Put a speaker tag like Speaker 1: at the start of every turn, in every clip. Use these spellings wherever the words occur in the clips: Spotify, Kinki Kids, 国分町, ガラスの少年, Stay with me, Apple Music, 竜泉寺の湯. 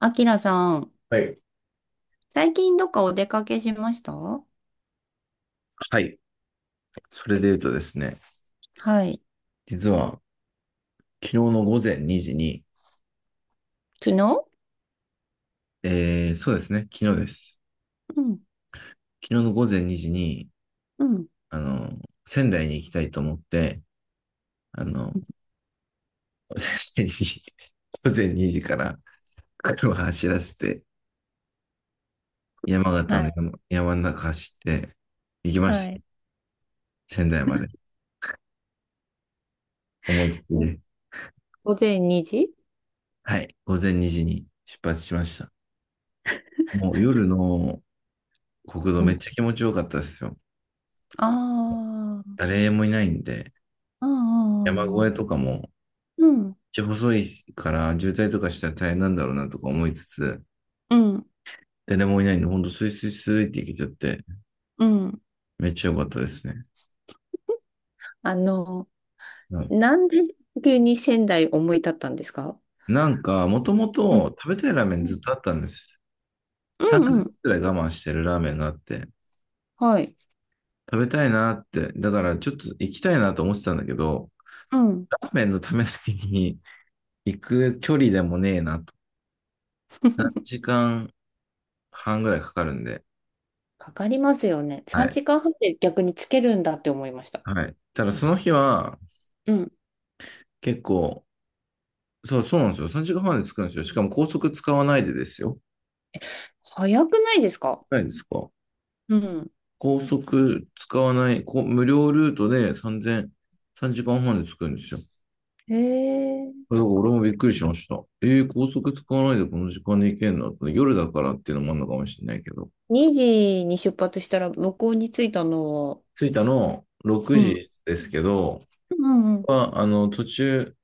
Speaker 1: あきらさん、
Speaker 2: はい。
Speaker 1: 最近どっかお出かけしましたは
Speaker 2: はい。それで言うとですね、
Speaker 1: い。
Speaker 2: 実は昨日の午前2時に、
Speaker 1: 昨日、
Speaker 2: そうですね、昨日です。
Speaker 1: うん。
Speaker 2: 昨日の午前2時に、
Speaker 1: うん。
Speaker 2: あの、仙台に行きたいと思って、あの、仙台に午前2時から車走らせて、
Speaker 1: はい、
Speaker 2: 山の中走って行きまし
Speaker 1: は
Speaker 2: た。
Speaker 1: い。
Speaker 2: 仙台まで。思いっきりで。はい。午前2時に出発しました。もう夜の国道
Speaker 1: う
Speaker 2: めっ
Speaker 1: ん。
Speaker 2: ちゃ気持ちよかったですよ。
Speaker 1: あ
Speaker 2: 誰もいないんで、
Speaker 1: あ、う
Speaker 2: 山
Speaker 1: んう
Speaker 2: 越え
Speaker 1: ん
Speaker 2: とかも
Speaker 1: うん。
Speaker 2: ちゃ細いから渋滞とかしたら大変なんだろうなとか思いつつ、
Speaker 1: うん。うん。
Speaker 2: 誰もいないんで、ほんとスイスイスイっていけちゃって、
Speaker 1: うん。
Speaker 2: めっちゃ良かったですね。
Speaker 1: あの、
Speaker 2: はい、
Speaker 1: なんで急に仙台思い立ったんですか？
Speaker 2: なんか、もとも
Speaker 1: うん
Speaker 2: と食べたいラーメン
Speaker 1: う
Speaker 2: ずっ
Speaker 1: ん
Speaker 2: とあったんです。
Speaker 1: う
Speaker 2: 3
Speaker 1: んう
Speaker 2: ヶ月
Speaker 1: ん。
Speaker 2: くらい我慢してるラーメンがあって、
Speaker 1: はい。
Speaker 2: 食べたいなって、だからちょっと行きたいなと思ってたんだけど、
Speaker 1: うん。
Speaker 2: ラーメンのためだけに行く距離でもねえなと。3 時間半ぐらいかかるんで。
Speaker 1: かかりますよね。
Speaker 2: は
Speaker 1: 3
Speaker 2: い。
Speaker 1: 時間半で逆につけるんだって思いました。
Speaker 2: はい。ただその日は
Speaker 1: うん。
Speaker 2: 結構そうなんですよ。3時間半で着くんですよ。しかも高速使わないでですよ。
Speaker 1: 早くないですか？
Speaker 2: ないですか？
Speaker 1: うん。
Speaker 2: 高速使わない、無料ルートで3 0 0時間半で着くんですよ。だ
Speaker 1: へ、
Speaker 2: から俺もびっくりしました。高速使わないでこの時間で行けんのって、夜だからっていうのもあるのかもしれないけど。
Speaker 1: 2時に出発したら向こうに着いたのは、
Speaker 2: 着いたの6
Speaker 1: うん。
Speaker 2: 時ですけど、
Speaker 1: うんうん。
Speaker 2: 途中、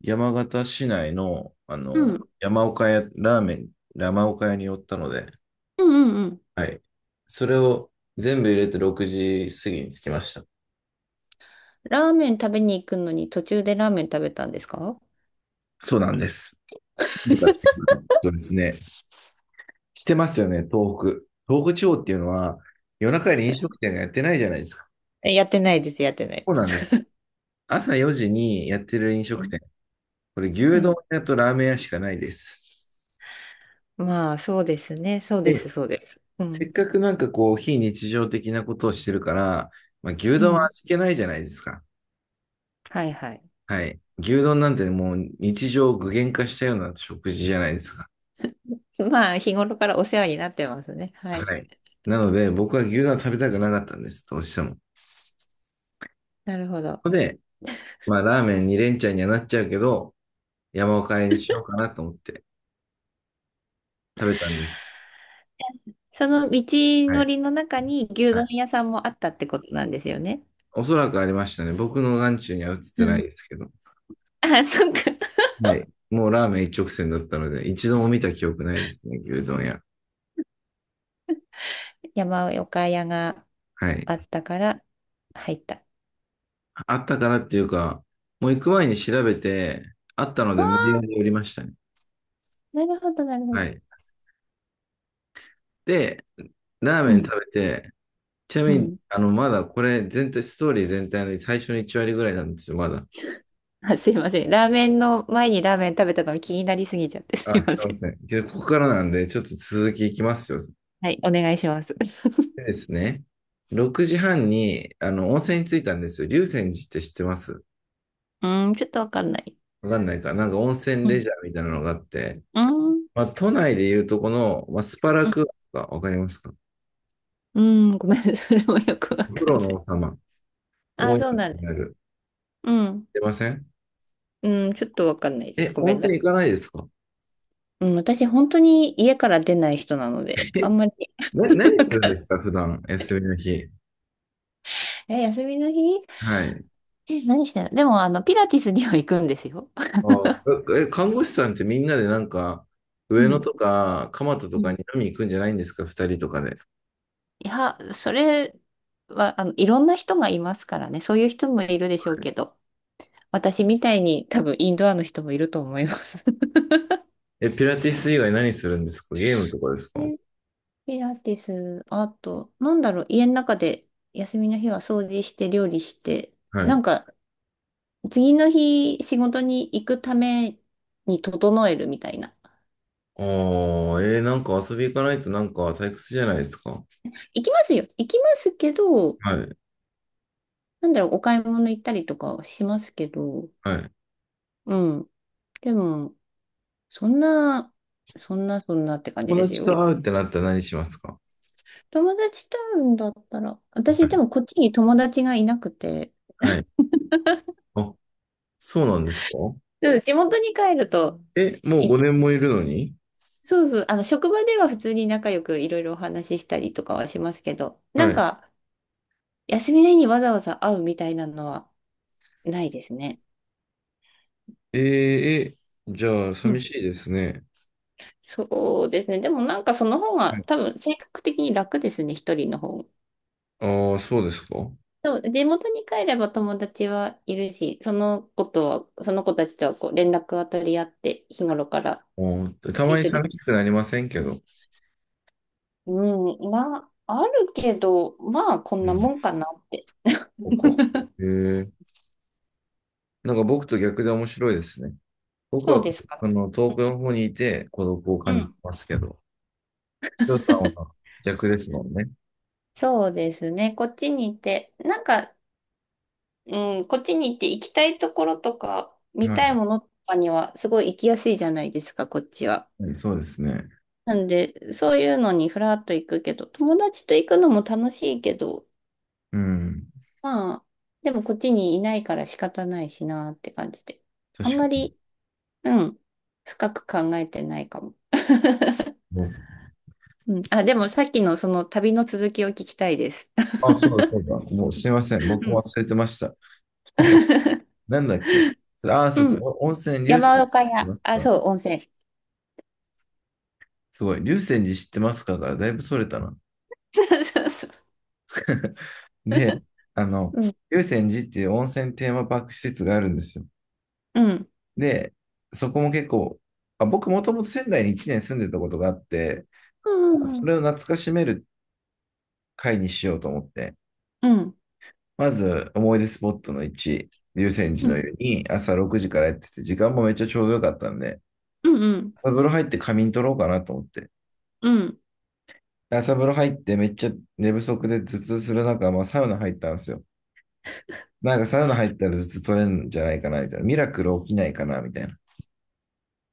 Speaker 2: 山形市内の、
Speaker 1: うん。
Speaker 2: 山岡屋、ラーメン、山岡屋に寄ったので、
Speaker 1: うんうんうん。
Speaker 2: はい。それを全部入れて6時過ぎに着きました。
Speaker 1: ラーメン食べに行くのに途中でラーメン食べたんですか？
Speaker 2: そうなんです。だからそうですね。してますよね、東北。東北地方っていうのは、夜中に飲食店がやってないじゃないですか。
Speaker 1: え、やってないです、やってない
Speaker 2: そう
Speaker 1: で
Speaker 2: なんです。
Speaker 1: す。
Speaker 2: 朝4時にやってる飲
Speaker 1: う
Speaker 2: 食
Speaker 1: ん。
Speaker 2: 店。これ、
Speaker 1: う
Speaker 2: 牛丼
Speaker 1: ん。
Speaker 2: 屋とラーメン屋しかないです。
Speaker 1: まあ、そうですね。そうです、
Speaker 2: で、
Speaker 1: そうです。う
Speaker 2: せ
Speaker 1: ん。
Speaker 2: っかくなんかこう、非日常的なことをしてるから、まあ、牛
Speaker 1: う
Speaker 2: 丼は
Speaker 1: ん。
Speaker 2: 味気ないじゃないですか。
Speaker 1: はいはい。
Speaker 2: はい。牛丼なんてもう日常を具現化したような食事じゃないですか。
Speaker 1: まあ、日頃からお世話になってますね。はい。
Speaker 2: はい。なので、僕は牛丼は食べたくなかったんです、どうしても。そ
Speaker 1: なるほど。
Speaker 2: こで、まあ、ラーメン2連チャンにはなっちゃうけど、山岡かえにしようかなと思って食べたんです。
Speaker 1: その道
Speaker 2: は
Speaker 1: の
Speaker 2: い。
Speaker 1: りの中に牛
Speaker 2: は
Speaker 1: 丼
Speaker 2: い。
Speaker 1: 屋さんもあったってことなんですよね。
Speaker 2: おそらくありましたね。僕の眼中には映っ
Speaker 1: う
Speaker 2: てない
Speaker 1: ん。
Speaker 2: ですけど。
Speaker 1: あ、そっか。
Speaker 2: はい。もうラーメン一直線だったので、一度も見た記憶ないですね、牛丼屋。
Speaker 1: 山岡屋が
Speaker 2: はい。
Speaker 1: あったから入った。
Speaker 2: あったからっていうか、もう行く前に調べて、あったの
Speaker 1: あ
Speaker 2: で無理や
Speaker 1: あ、
Speaker 2: り寄りましたね。
Speaker 1: なるほど、なるほど。
Speaker 2: はい。で、ラー
Speaker 1: う
Speaker 2: メン
Speaker 1: ん。
Speaker 2: 食べて、ちな
Speaker 1: う
Speaker 2: みに、
Speaker 1: ん。
Speaker 2: まだこれストーリー全体の最初の1割ぐらいなんですよ、まだ。
Speaker 1: あ、すいません。ラーメンの前にラーメン食べたのが気になりすぎちゃってす
Speaker 2: あ、
Speaker 1: いま
Speaker 2: そう
Speaker 1: せ
Speaker 2: で
Speaker 1: ん。
Speaker 2: すね。けど、ここからなんで、ちょっと続きいきますよ。
Speaker 1: はい、お願いします。
Speaker 2: でですね。6時半に、温泉に着いたんですよ。竜泉寺って知ってます
Speaker 1: うーん、ちょっとわかんない。
Speaker 2: わかんないか。なんか温泉
Speaker 1: う
Speaker 2: レ
Speaker 1: ん。
Speaker 2: ジャーみたいなのがあって、
Speaker 1: うーん。
Speaker 2: まあ、都内でいうとこの、まあ、スパラ
Speaker 1: うん。
Speaker 2: クーアとかわかりますか？
Speaker 1: うん、ごめん。それもよくわ
Speaker 2: お風
Speaker 1: かん
Speaker 2: 呂
Speaker 1: な
Speaker 2: の
Speaker 1: い。
Speaker 2: 王様。思
Speaker 1: あ、
Speaker 2: い
Speaker 1: そうなん
Speaker 2: 出に
Speaker 1: だ。
Speaker 2: なる。
Speaker 1: うん。
Speaker 2: 出ません？
Speaker 1: うん、ちょっとわかんないです。
Speaker 2: え、
Speaker 1: ご
Speaker 2: 温
Speaker 1: めんな
Speaker 2: 泉
Speaker 1: さい。
Speaker 2: 行かないですか？
Speaker 1: うん、私、本当に家から出ない人なので、あ
Speaker 2: え、
Speaker 1: んまり。
Speaker 2: 何
Speaker 1: わ
Speaker 2: するん
Speaker 1: かん
Speaker 2: で
Speaker 1: な
Speaker 2: す
Speaker 1: い。
Speaker 2: か？普段、休みの日。
Speaker 1: え、休みの日？
Speaker 2: はい。
Speaker 1: え、何してんので、も、あの、ピラティスには行くんですよ。
Speaker 2: あ看護師さんってみんなでなんか、
Speaker 1: う
Speaker 2: 上野
Speaker 1: ん
Speaker 2: とか蒲田
Speaker 1: う
Speaker 2: とか
Speaker 1: ん。
Speaker 2: に飲み行くんじゃないんですか、二人とかで？
Speaker 1: いや、それは、あの、いろんな人がいますからね。そういう人もいるでしょうけど、私みたいに多分インドアの人もいると思います。
Speaker 2: え、ピラティス以外何するんですか？ゲームとかですか？
Speaker 1: で、ピラティス、あと、なんだろう、家の中で休みの日は掃除して料理して、
Speaker 2: は
Speaker 1: な
Speaker 2: い。
Speaker 1: んか、次の日仕事に行くために整えるみたいな。
Speaker 2: ああ、なんか遊び行かないとなんか退屈じゃないですか？
Speaker 1: 行きますよ。行きますけど、
Speaker 2: はい。
Speaker 1: なんだろう、お買い物行ったりとかはしますけど、
Speaker 2: はい。
Speaker 1: うん。でも、そんな、そんな、そんなって感じ
Speaker 2: 友
Speaker 1: です
Speaker 2: 達
Speaker 1: よ。
Speaker 2: と会うってなったら何しますか？
Speaker 1: 友達と会うんだったら、
Speaker 2: は
Speaker 1: 私で
Speaker 2: い。
Speaker 1: もこっちに友達がいなくて、
Speaker 2: はい。あ、そうなんですか？
Speaker 1: うん、地元に帰ると、
Speaker 2: え、もう
Speaker 1: い、
Speaker 2: 5年もいるのに？
Speaker 1: そうそう、あの、職場では普通に仲良くいろいろお話ししたりとかはしますけど、な
Speaker 2: は
Speaker 1: ん
Speaker 2: い。
Speaker 1: か、休みの日にわざわざ会うみたいなのはないですね。
Speaker 2: えーえ、じゃあ
Speaker 1: う
Speaker 2: 寂
Speaker 1: ん。
Speaker 2: しいですね。
Speaker 1: そうですね。でもなんかその方が多分性格的に楽ですね、一人の方。
Speaker 2: ああー、そうですか？
Speaker 1: そう、地元に帰れば友達はいるし、その子とは、その子たちとはこう連絡は取り合って、日頃から
Speaker 2: た
Speaker 1: や
Speaker 2: ま
Speaker 1: り
Speaker 2: に
Speaker 1: とり
Speaker 2: 寂
Speaker 1: を、
Speaker 2: しくなりませんけど。
Speaker 1: うん、まあ、あるけど、まあ、こん
Speaker 2: うん、
Speaker 1: な
Speaker 2: そ
Speaker 1: もんかなって。
Speaker 2: うか。へえ。なんか僕と逆で面白いですね。僕
Speaker 1: そう
Speaker 2: は、
Speaker 1: ですか。
Speaker 2: 遠くの方にいて孤独を
Speaker 1: う
Speaker 2: 感じて
Speaker 1: ん。
Speaker 2: ますけど、千代さんは逆ですもんね。
Speaker 1: そうですね。こっちに行って、なんか、うん、こっちに行って行きたいところとか、見
Speaker 2: は
Speaker 1: たい
Speaker 2: い。
Speaker 1: ものとかには、すごい行きやすいじゃないですか、こっちは。
Speaker 2: はい、そうですね。
Speaker 1: なんで、そういうのにふらっと行くけど、友達と行くのも楽しいけど、
Speaker 2: うん。
Speaker 1: まあ、でもこっちにいないから仕方ないしなって感じで。あん
Speaker 2: 確か
Speaker 1: まり、うん、深く考えてないかも。
Speaker 2: に。
Speaker 1: うん、あ、でもさっきのその旅の続きを聞きたいです。
Speaker 2: あ、そうだ、そうだ。もうすいません。
Speaker 1: う
Speaker 2: 僕も
Speaker 1: ん。
Speaker 2: 忘れてました。なんだっけ。あ、そ
Speaker 1: う
Speaker 2: うそう。
Speaker 1: ん。
Speaker 2: お温泉、龍
Speaker 1: 山
Speaker 2: 泉寺
Speaker 1: 岡
Speaker 2: 知って
Speaker 1: 屋。
Speaker 2: ます
Speaker 1: あ、
Speaker 2: か？
Speaker 1: そう、温泉。
Speaker 2: すごい。「龍泉寺知ってますか」からだいぶそれたな。
Speaker 1: そうそうそ
Speaker 2: で、あの、
Speaker 1: う。うん。
Speaker 2: 龍泉寺っていう温泉テーマパーク施設があるんですよ。
Speaker 1: うん。
Speaker 2: で、そこも結構、僕もともと仙台に1年住んでたことがあって、
Speaker 1: う
Speaker 2: そ
Speaker 1: ん。
Speaker 2: れを懐かしめる会にしようと思って、
Speaker 1: うん
Speaker 2: まず思い出スポットの1、竜泉
Speaker 1: う
Speaker 2: 寺
Speaker 1: ん。う
Speaker 2: の
Speaker 1: ん。
Speaker 2: 湯に朝6時からやってて、時間もめっちゃちょうどよかったんで、
Speaker 1: うん。うん。
Speaker 2: 朝風呂入って仮眠取ろうかなと思って。
Speaker 1: うん、
Speaker 2: 朝風呂入ってめっちゃ寝不足で頭痛する中、まあ、サウナ入ったんですよ。なんかサウナ入ったら頭痛取れるんじゃないかなみたいな。ミラクル起きないかなみたいな。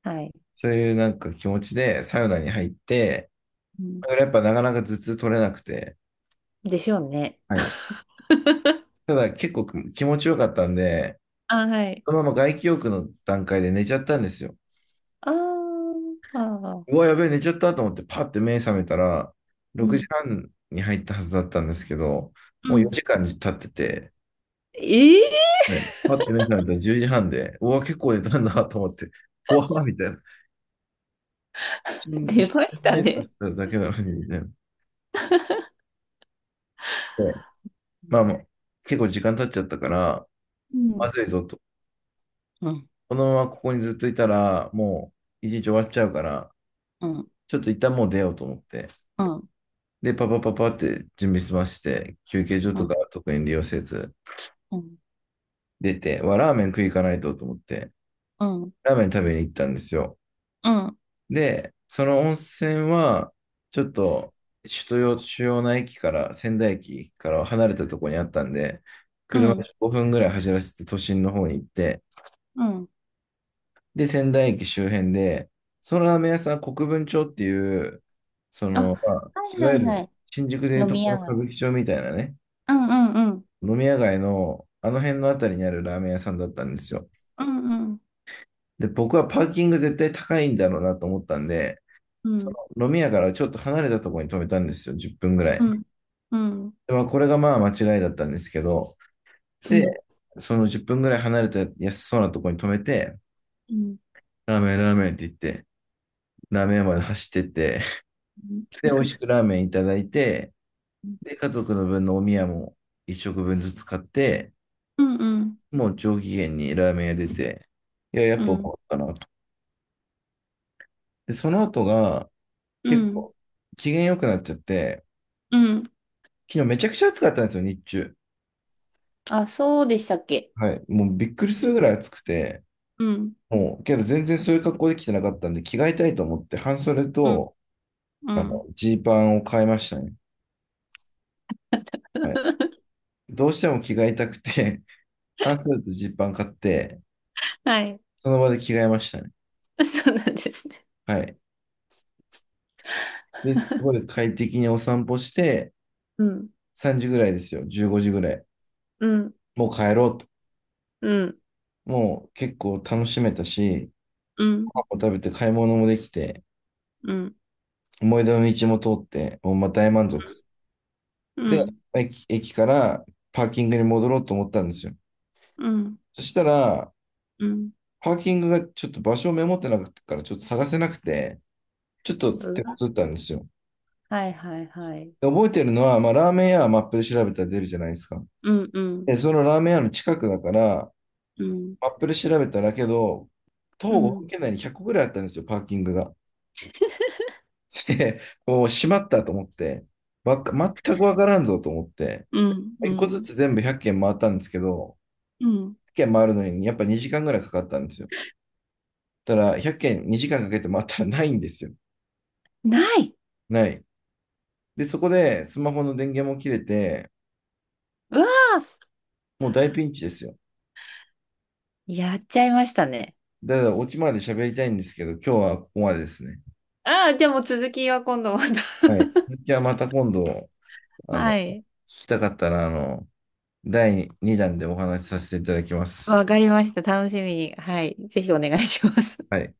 Speaker 1: はい。
Speaker 2: そういうなんか気持ちでサウナに入って、
Speaker 1: うん。
Speaker 2: やっぱなかなか頭痛取れなくて、
Speaker 1: でしょうね。
Speaker 2: はい。ただ結構気持ちよかったんで、
Speaker 1: あ、はい。
Speaker 2: そのまま外気浴の段階で寝ちゃったんですよ。
Speaker 1: あーあー。
Speaker 2: うわ、やべえ、寝ちゃったと思ってパッて目覚めたら、
Speaker 1: う
Speaker 2: 6
Speaker 1: ん。
Speaker 2: 時半に入ったはずだったんですけど、
Speaker 1: う
Speaker 2: もう
Speaker 1: ん。
Speaker 2: 4時間経ってて、
Speaker 1: ええ
Speaker 2: はい、パッて目覚めたら10時半で、うわ、結構寝たんだと思って、うわ、みたいな。一
Speaker 1: ー。
Speaker 2: 瞬
Speaker 1: 出ました
Speaker 2: 目と
Speaker 1: ね。
Speaker 2: しただけなのに、みたいな。で、
Speaker 1: うん。
Speaker 2: まあまあ、結構時間経っちゃったから、
Speaker 1: う
Speaker 2: ま
Speaker 1: ん。
Speaker 2: ずいぞと。
Speaker 1: うん。
Speaker 2: このままここにずっといたら、もう一日終わっちゃうから、
Speaker 1: うん。
Speaker 2: ちょっと一旦もう出ようと思って、で、パパパパって準備済まして、休憩所
Speaker 1: う
Speaker 2: とか
Speaker 1: ん。
Speaker 2: 特に利用せず、
Speaker 1: うん。うん。
Speaker 2: 出て、わ、ラーメン食い行かないとと思って、
Speaker 1: うん。
Speaker 2: ラーメン食べに行ったんですよ。で、その温泉は、ちょっと、首都主要な駅から、仙台駅から離れたところにあったんで、
Speaker 1: う
Speaker 2: 車で
Speaker 1: ん。
Speaker 2: 5分ぐらい走らせて都心の方に行って、
Speaker 1: うん、
Speaker 2: で、仙台駅周辺で、そのラーメン屋さん、国分町っていう、
Speaker 1: あ、
Speaker 2: まあ、
Speaker 1: はい
Speaker 2: い
Speaker 1: は
Speaker 2: わゆ
Speaker 1: いは
Speaker 2: る
Speaker 1: い。
Speaker 2: 新宿でいう
Speaker 1: 飲
Speaker 2: と
Speaker 1: み
Speaker 2: この
Speaker 1: 屋
Speaker 2: 歌
Speaker 1: 街。
Speaker 2: 舞伎町みたいなね、
Speaker 1: うんうんうん。
Speaker 2: 飲み屋街のあの辺のあたりにあるラーメン屋さんだったんですよ。
Speaker 1: うんうん
Speaker 2: で、僕はパーキング絶対高いんだろうなと思ったんで、
Speaker 1: う
Speaker 2: そ
Speaker 1: ん。
Speaker 2: の飲み屋からちょっと離れたところに止めたんですよ、10分ぐら
Speaker 1: う
Speaker 2: い。
Speaker 1: ん。うん。うん。
Speaker 2: で、まあ、これがまあ間違いだったんですけど、
Speaker 1: うん
Speaker 2: で、その10分ぐらい離れた安そうなところに止めて、
Speaker 1: うん
Speaker 2: ラーメン、ラーメンって言って、ラーメン屋まで走ってって、
Speaker 1: うん。
Speaker 2: で、美味しくラーメンいただいて、で、家族の分のお宮も1食分ずつ買って、もう上機嫌にラーメン屋出て、いや、やっぱ思ったな。で、その後が、
Speaker 1: う
Speaker 2: 結
Speaker 1: ん。
Speaker 2: 構、機嫌良くなっちゃって、
Speaker 1: うん、
Speaker 2: 昨日めちゃくちゃ暑かったんですよ、日中。
Speaker 1: あ、そうでしたっけ。
Speaker 2: はい。もうびっくりするぐらい暑くて、
Speaker 1: うん。
Speaker 2: もう、けど全然そういう格好できてなかったんで、着替えたいと思って、半袖
Speaker 1: うん。
Speaker 2: と、
Speaker 1: うん。
Speaker 2: ジーパンを買いましたね。はい。どうしても着替えたくて、半袖とジーパン買って、
Speaker 1: はい。
Speaker 2: その場で着替えましたね。
Speaker 1: そうなんですね。
Speaker 2: はい。で、すごい快適にお散歩して、
Speaker 1: うん。
Speaker 2: 3時ぐらいですよ、15時ぐらい。
Speaker 1: うん。
Speaker 2: もう帰ろうと。
Speaker 1: うん。
Speaker 2: もう結構楽しめたし、
Speaker 1: うん。
Speaker 2: ご飯も食べて買い物もできて、
Speaker 1: うん。
Speaker 2: 思い出の道も通って、もうまあ大満足。
Speaker 1: う
Speaker 2: で、
Speaker 1: ん。
Speaker 2: 駅からパーキングに戻ろうと思ったんですよ。
Speaker 1: うん。
Speaker 2: そしたら、
Speaker 1: うん。うん、
Speaker 2: パーキングがちょっと場所をメモってなかったから、ちょっと探せなくて、ちょっと手こずったんですよ。
Speaker 1: はいはいはい。
Speaker 2: で、覚えてるのは、まあ、ラーメン屋はマップで調べたら出るじゃないですか。
Speaker 1: うんうん
Speaker 2: で、そのラーメン屋の近くだから、
Speaker 1: うん
Speaker 2: マップで調べたらけど、徒
Speaker 1: う
Speaker 2: 歩5分
Speaker 1: ん
Speaker 2: 圏内に100個ぐらいあったんですよ、パーキングが。で、もう閉まったと思って、わか、全くわからんぞと思って、
Speaker 1: うんう
Speaker 2: 1個ず
Speaker 1: ん
Speaker 2: つ全部100軒回ったんですけど、
Speaker 1: うん。
Speaker 2: 軒回るのにやっぱ2時間ぐらいかかったんですよ。ただ、100軒2時間かけて回ったらないんですよ。
Speaker 1: ない。
Speaker 2: ない。で、そこでスマホの電源も切れて、
Speaker 1: うわあ、
Speaker 2: もう大ピンチですよ。
Speaker 1: やっちゃいましたね。
Speaker 2: だから、オチまで喋りたいんですけど、今日はここまでですね。
Speaker 1: ああ、じゃあもう続きは今度ま
Speaker 2: はい。
Speaker 1: た。
Speaker 2: 続きはまた今度、
Speaker 1: は
Speaker 2: 聞
Speaker 1: い。
Speaker 2: きたかったら、第2弾でお話しさせていただきま
Speaker 1: わ
Speaker 2: す。
Speaker 1: かりました。楽しみに。はい。ぜひお願いします。
Speaker 2: はい。